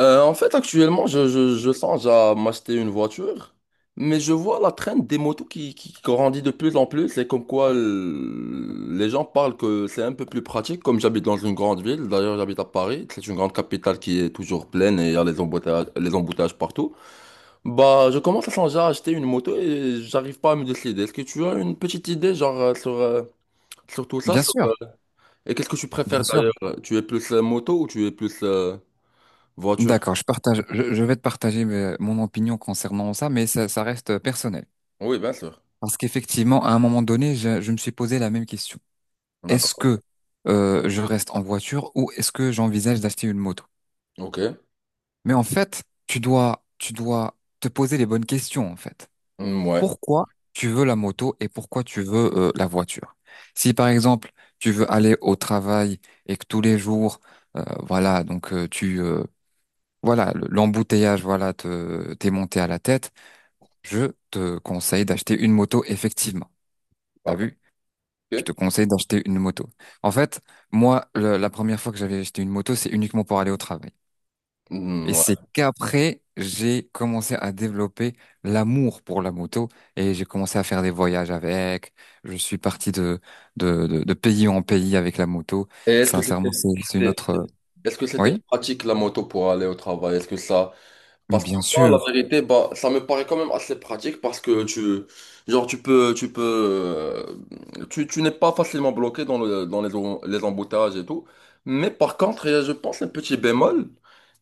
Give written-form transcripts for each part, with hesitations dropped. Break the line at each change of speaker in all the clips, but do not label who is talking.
Actuellement, je songe à m'acheter une voiture, mais je vois la traîne des motos qui grandit de plus en plus et comme quoi les gens parlent que c'est un peu plus pratique. Comme j'habite dans une grande ville, d'ailleurs, j'habite à Paris, c'est une grande capitale qui est toujours pleine et il y a les embouteillages partout. Bah, je commence à songer à acheter une moto et j'arrive pas à me décider. Est-ce que tu as une petite idée, genre, sur tout ça?
Bien sûr,
Et qu'est-ce que tu
bien
préfères
sûr.
d'ailleurs? Tu es plus moto ou tu es plus voiture?
D'accord, je vais te partager mon opinion concernant ça, mais ça reste personnel.
Oui, bien sûr.
Parce qu'effectivement, à un moment donné, je me suis posé la même question. Est-ce
D'accord.
que je reste en voiture ou est-ce que j'envisage d'acheter une moto?
Ok.
Mais en fait, tu dois te poser les bonnes questions, en fait.
Mm, ouais.
Pourquoi tu veux la moto et pourquoi tu veux la voiture? Si par exemple, tu veux aller au travail et que tous les jours, euh, voilà, donc euh, tu, euh, Voilà, l'embouteillage, voilà, te, t'es monté à la tête. Je te conseille d'acheter une moto, effectivement. T'as
D'accord.
vu? Je
Ok.
te conseille d'acheter une moto. En fait, moi, la première fois que j'avais acheté une moto, c'est uniquement pour aller au travail.
Mm,
Et c'est
ouais.
qu'après, j'ai commencé à développer l'amour pour la moto et j'ai commencé à faire des voyages avec. Je suis parti de pays en pays avec la moto.
Et est-ce que
Sincèrement, c'est une
c'était-
autre.
est-ce que c'était
Oui,
pratique la moto pour aller au travail?
mais
Parce que
bien
moi, la
sûr.
vérité, bah, ça me paraît quand même assez pratique parce que genre, tu n'es pas facilement bloqué dans le, dans les, em- les embouteillages et tout. Mais par contre, il y a, je pense, un petit bémol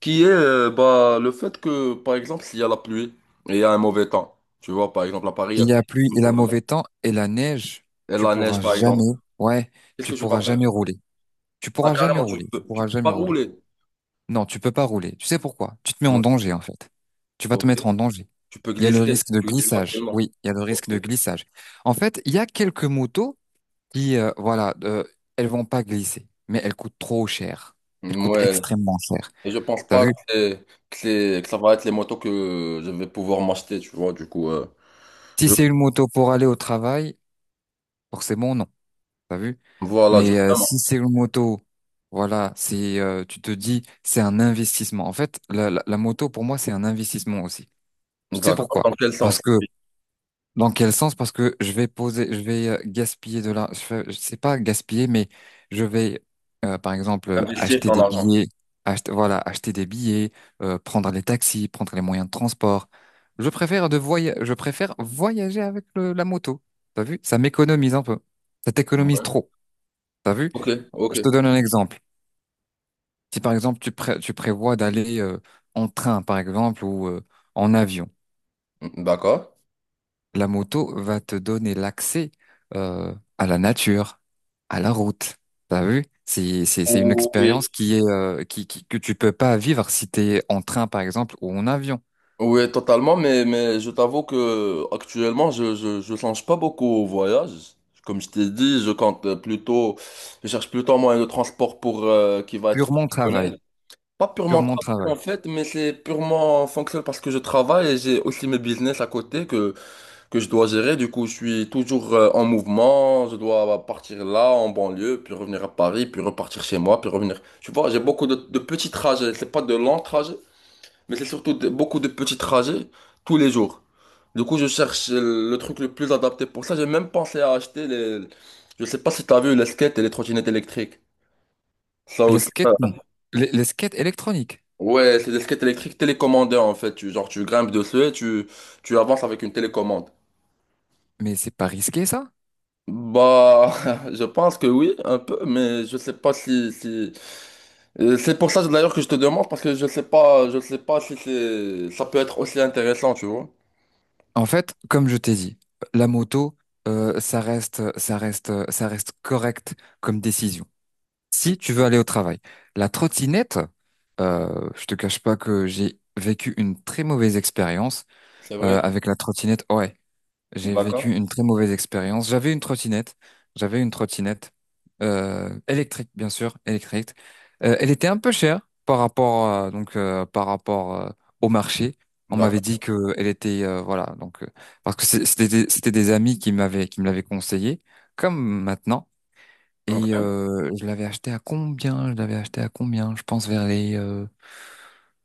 qui est, bah, le fait que, par exemple, s'il y a la pluie et il y a un mauvais temps, tu vois, par exemple, à Paris, il y a
Il y a pluie, il a
toujours la-
mauvais temps et la neige,
et
tu
la neige,
pourras
par exemple.
jamais, ouais,
Qu'est-ce que
tu
tu vas
pourras
faire?
jamais rouler. Tu
Ah,
pourras jamais
carrément,
rouler, tu
tu
pourras
peux
jamais
pas
rouler.
rouler.
Non, tu peux pas rouler. Tu sais pourquoi? Tu te mets en
Ouais.
danger, en fait. Tu vas te
Ok.
mettre en danger.
Tu peux
Il y a le
glisser.
risque de
Tu glisses
glissage.
facilement.
Oui, il y a le
Ok.
risque de glissage. En fait, il y a quelques motos qui, voilà, elles vont pas glisser, mais elles coûtent trop cher. Elles coûtent
Ouais.
extrêmement cher.
Et je pense
T'as
pas que
vu?
que ça va être les motos que je vais pouvoir m'acheter, tu vois. Du coup,
Si
je-
c'est une moto pour aller au travail, forcément, non. T'as vu?
voilà,
Mais
justement.
si c'est une moto, voilà, c'est tu te dis c'est un investissement. En fait, la moto pour moi c'est un investissement aussi. Tu sais
D'accord.
pourquoi?
Dans quel
Parce
sens?
que dans quel sens? Parce que je vais gaspiller de l'argent. Je sais pas gaspiller, mais je vais par exemple
Investir
acheter
ton
des
argent.
billets, acheter voilà, acheter des billets, prendre les taxis, prendre les moyens de transport. Je préfère voyager avec la moto. T'as vu? Ça m'économise un peu. Ça t'économise trop. T'as vu?
Ok, ok.
Je te donne un exemple. Si par exemple tu prévois d'aller en train par exemple ou en avion,
D'accord.
la moto va te donner l'accès à la nature, à la route. T'as vu? C'est une
Oui.
expérience qui que tu peux pas vivre si t'es en train par exemple ou en avion.
Oui, totalement, mais je t'avoue que actuellement, je songe pas beaucoup au voyage. Comme je t'ai dit, je compte plutôt, je cherche plutôt un moyen de transport pour, qui va être
Purement travail,
fonctionnel. Pas purement
purement
travail,
travail.
en fait, mais c'est purement fonctionnel parce que je travaille et j'ai aussi mes business à côté que je dois gérer. Du coup, je suis toujours, en mouvement. Je dois partir là, en banlieue, puis revenir à Paris, puis repartir chez moi, puis revenir. Tu vois, j'ai beaucoup de petits trajets. C'est pas de longs trajets. Mais c'est surtout beaucoup de petits trajets tous les jours. Du coup, je cherche le truc le plus adapté pour ça. J'ai même pensé à acheter les... Je sais pas si t'as vu les skates et les trottinettes électriques. Ça
Les
aussi.
skates non, les skates électroniques.
Ouais, c'est des skates électriques télécommandés en fait. Genre, tu grimpes dessus et tu avances avec une télécommande.
Mais c'est pas risqué ça?
Bah, je pense que oui, un peu, mais je sais pas si... C'est pour ça d'ailleurs que je te demande parce que je sais pas si ça peut être aussi intéressant, tu vois.
En fait, comme je t'ai dit, la moto, ça reste correct comme décision. Si tu veux aller au travail, la trottinette, je te cache pas que j'ai vécu une très mauvaise expérience
C'est vrai.
avec la trottinette. Ouais, j'ai
D'accord.
vécu une très mauvaise expérience. J'avais une trottinette. J'avais une trottinette électrique, bien sûr, électrique. Elle était un peu chère par rapport au marché. On m'avait
D'accord.
dit que elle était parce que c'était des amis qui me l'avaient conseillé comme maintenant
Donc,
et je l'avais acheté à combien? Je l'avais acheté à combien? Je pense vers les euh,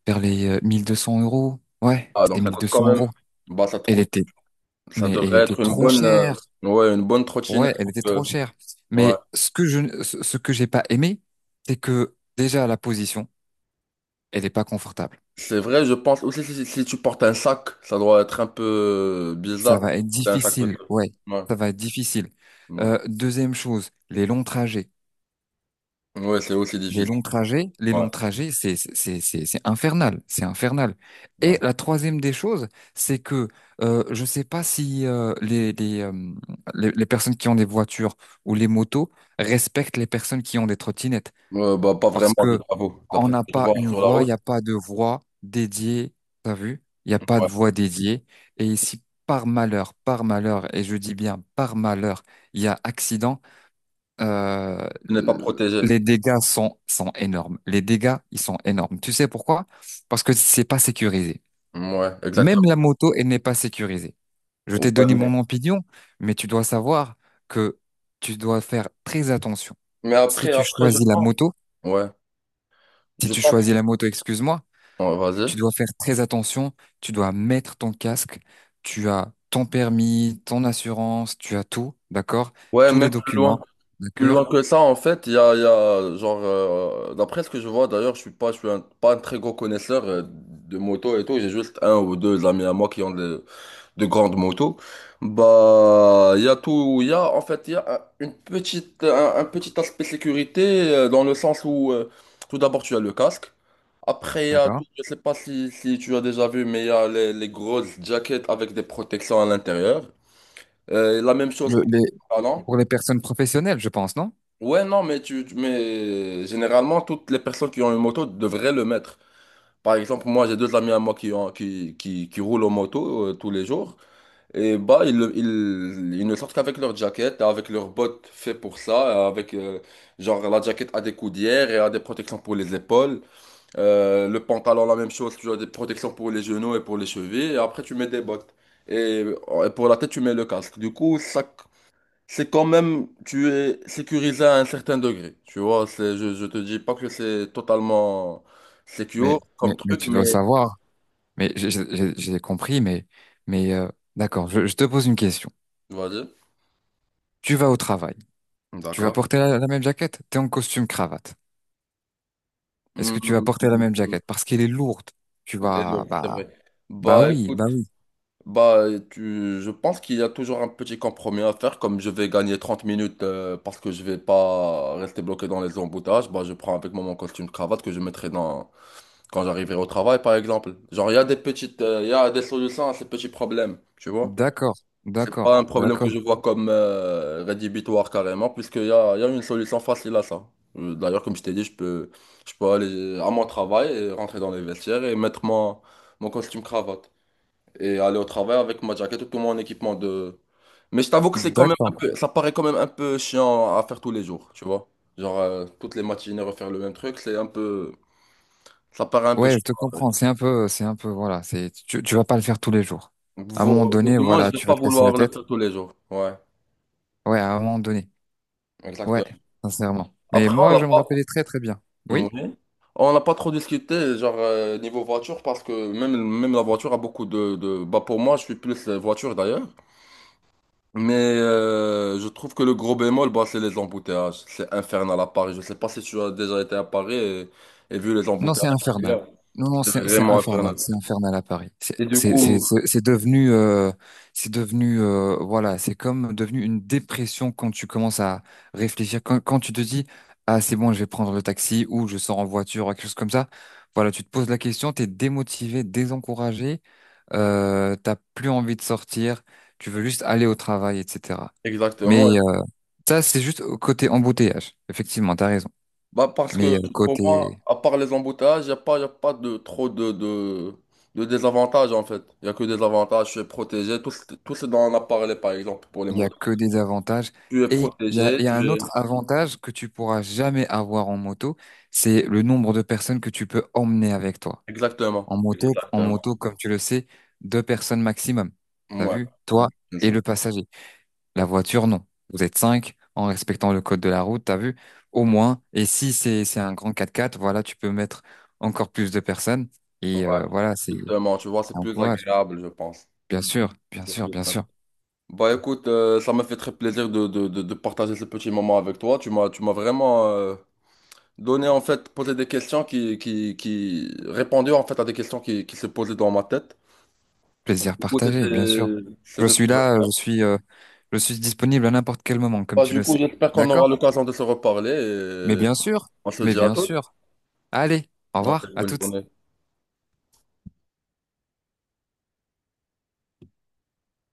vers les euh, 1200 euros. Ouais,
ah, donc
c'était
ça coûte
1200
quand même.
euros.
Bah, ça te
Elle
coûte.
était
Ça
mais elle
devrait
était
être une
trop
bonne,
chère.
ouais, une bonne trottinette.
Ouais, elle était trop chère.
Ouais.
Mais ce que j'ai pas aimé, c'est que déjà la position, elle est pas confortable.
C'est vrai, je pense aussi si tu portes un sac, ça doit être un peu
Ça
bizarre. De
va
porter
être
un sac pesant.
difficile. Ouais,
Ouais,
ça va être difficile.
ouais.
Deuxième chose, les longs trajets.
Ouais, c'est aussi
Les
difficile.
longs trajets, les
Ouais,
longs trajets, c'est infernal, c'est infernal. Et
ouais.
la troisième des choses, c'est que je sais pas si les personnes qui ont des voitures ou les motos respectent les personnes qui ont des trottinettes.
Bah, pas
Parce
vraiment, je
que
t'avoue.
on
D'après ce
n'a
que je
pas
vois
une
sur la
voix, il n'y
route,
a pas de voix dédiée, t'as vu? Il n'y a pas de
ouais.
voix dédiée. Et si par malheur, par malheur, et je dis bien par malheur, il y a accident, euh,
Tu n'es pas protégé.
les dégâts sont énormes. Les dégâts, ils sont énormes. Tu sais pourquoi? Parce que c'est pas sécurisé.
Ouais,
Même
exactement.
la moto, elle n'est pas sécurisée. Je t'ai
Ouais,
donné mon opinion, mais tu dois savoir que tu dois faire très attention.
mais
Si tu
après, je
choisis la
pense.
moto,
Ouais,
si
je
tu
pense.
choisis la moto, excuse-moi,
Ouais, vas-y.
tu dois faire très attention, tu dois mettre ton casque, tu as ton permis, ton assurance, tu as tout, d'accord?
Ouais,
Tous les
même plus loin.
documents,
Plus loin
d'accord?
que ça, en fait, il y a, genre, d'après ce que je vois, d'ailleurs, je suis pas, je suis un- pas un très gros connaisseur de moto et tout. J'ai juste un ou deux amis à moi qui ont de grandes motos. Bah, il y a, en fait, il y a un petit aspect sécurité dans le sens où, tout d'abord, tu as le casque. Après, il y a
D'accord?
tout, je sais pas si tu as déjà vu, mais il y a les grosses jackets avec des protections à l'intérieur. La même chose
Le-
pour
les,
les pantalons.
pour les personnes professionnelles, je pense, non?
Ouais, non, mais mais généralement, toutes les personnes qui ont une moto devraient le mettre. Par exemple, moi, j'ai deux amis à moi qui ont, qui roulent en moto tous les jours. Et bah, ils ne sortent qu'avec leur jaquette, avec leurs bottes faites pour ça, avec, genre, la jaquette a des coudières et a des protections pour les épaules. Le pantalon, la même chose, tu as des protections pour les genoux et pour les chevilles. Et après, tu mets des bottes. Et pour la tête, tu mets le casque. Du coup, ça c'est quand même, tu es sécurisé à un certain degré. Tu vois, je te dis pas que c'est totalement secure
Mais, mais,
comme
mais
truc,
tu dois
mais
savoir. Mais j'ai compris, mais, mais euh, d'accord, je te pose une question.
vas-y.
Tu vas au travail. Tu vas
D'accord.
porter la même jaquette? T'es en costume cravate. Est-ce
Mm,
que tu vas porter la
mm,
même
mm,
jaquette? Parce qu'elle est lourde. Tu
elle est
vas,
lourde, c'est vrai.
bah, bah
Bah
oui, bah
écoute,
oui.
bah je pense qu'il y a toujours un petit compromis à faire. Comme je vais gagner 30 minutes parce que je vais pas rester bloqué dans les embouteillages, bah je prends avec moi mon costume de cravate que je mettrai dans quand j'arriverai au travail par exemple. Genre il y a des petites, il y a des solutions à ces petits problèmes, tu vois?
D'accord,
C'est pas
d'accord,
un problème que
d'accord,
je vois comme rédhibitoire carrément, puisqu'il y a une solution facile à ça. D'ailleurs comme je t'ai dit, je peux aller à mon travail et rentrer dans les vestiaires et mettre mon costume cravate. Et aller au travail avec ma jaquette et tout mon équipement de. Mais je t'avoue que c'est quand même un
d'accord.
peu, ça paraît quand même un peu chiant à faire tous les jours, tu vois. Genre, toutes les matinées refaire le même truc, c'est un peu. Ça paraît un peu
Ouais, je
chiant.
te comprends. C'est un peu, voilà. Tu vas pas le faire tous les jours. À un moment
Ou
donné,
du moins, je
voilà,
vais
tu vas
pas
te casser la
vouloir le
tête.
faire tous les jours. Ouais,
Ouais, à un moment donné. Ouais,
exactement.
sincèrement. Mais
Après, on
moi,
n'a
je me
pas.
rappelais très, très bien.
Oui.
Oui?
On n'a pas trop discuté, genre, niveau voiture, parce que même la voiture a beaucoup bah, pour moi, je suis plus voiture d'ailleurs. Mais je trouve que le gros bémol, bah, c'est les embouteillages. C'est infernal à Paris. Je sais pas si tu as déjà été à Paris et vu les
Non,
embouteillages.
c'est
Qu'il y
infernal.
a.
Non, non,
C'est
c'est
vraiment
infernal.
infernal.
C'est infernal à Paris. C'est
Et du
c'est c'est
coup,
c'est c'est devenu voilà, c'est comme devenu une dépression quand tu commences à réfléchir. Quand tu te dis ah c'est bon, je vais prendre le taxi ou je sors en voiture ou quelque chose comme ça. Voilà, tu te poses la question, t'es démotivé, désencouragé, t'as plus envie de sortir, tu veux juste aller au travail, etc. Mais
exactement.
ça, c'est juste côté embouteillage. Effectivement, t'as raison.
Bah, parce que
Mais
pour moi,
côté
à part les embouteillages, il n'y a pas, y a pas de, trop de désavantages en fait. Il n'y a que des avantages. Je suis protégé. Tout ce dont on a parlé, par exemple, pour les
Il y a
motos.
que des avantages.
Tu es
Et il y a,
protégé,
il y
tu
a un
es...
autre avantage que tu pourras jamais avoir en moto, c'est le nombre de personnes que tu peux emmener avec toi.
Exactement.
En
Exactement.
moto, comme tu le sais, 2 personnes maximum. T'as
Ouais.
vu?
Mm,
Toi
bien
et
sûr.
le passager. La voiture, non. Vous êtes 5 en respectant le code de la route, t'as vu? Au moins. Et si c'est un grand 4x4, voilà, tu peux mettre encore plus de personnes.
Ouais.
Et voilà, c'est
Exactement, tu vois, c'est
un
plus
courage.
agréable, je pense.
Bien sûr, bien
C'est
sûr,
plus
bien
simple.
sûr.
Bah écoute, ça m'a fait très plaisir de partager ce petit moment avec toi. Tu m'as vraiment donné, en fait, posé des questions répondu, en fait, à des questions qui se posaient dans ma tête.
Plaisir
Du coup,
partagé, bien sûr.
c'était...
Je
c'était-
suis là. Je suis disponible à n'importe quel moment, comme
Bah,
tu
du
le
coup,
sais.
j'espère qu'on aura
D'accord?
l'occasion de se reparler
Mais
et
bien sûr,
on se
mais
dit à
bien
toutes.
sûr. Allez, au
Ouais,
revoir, à
bonne
toutes.
journée.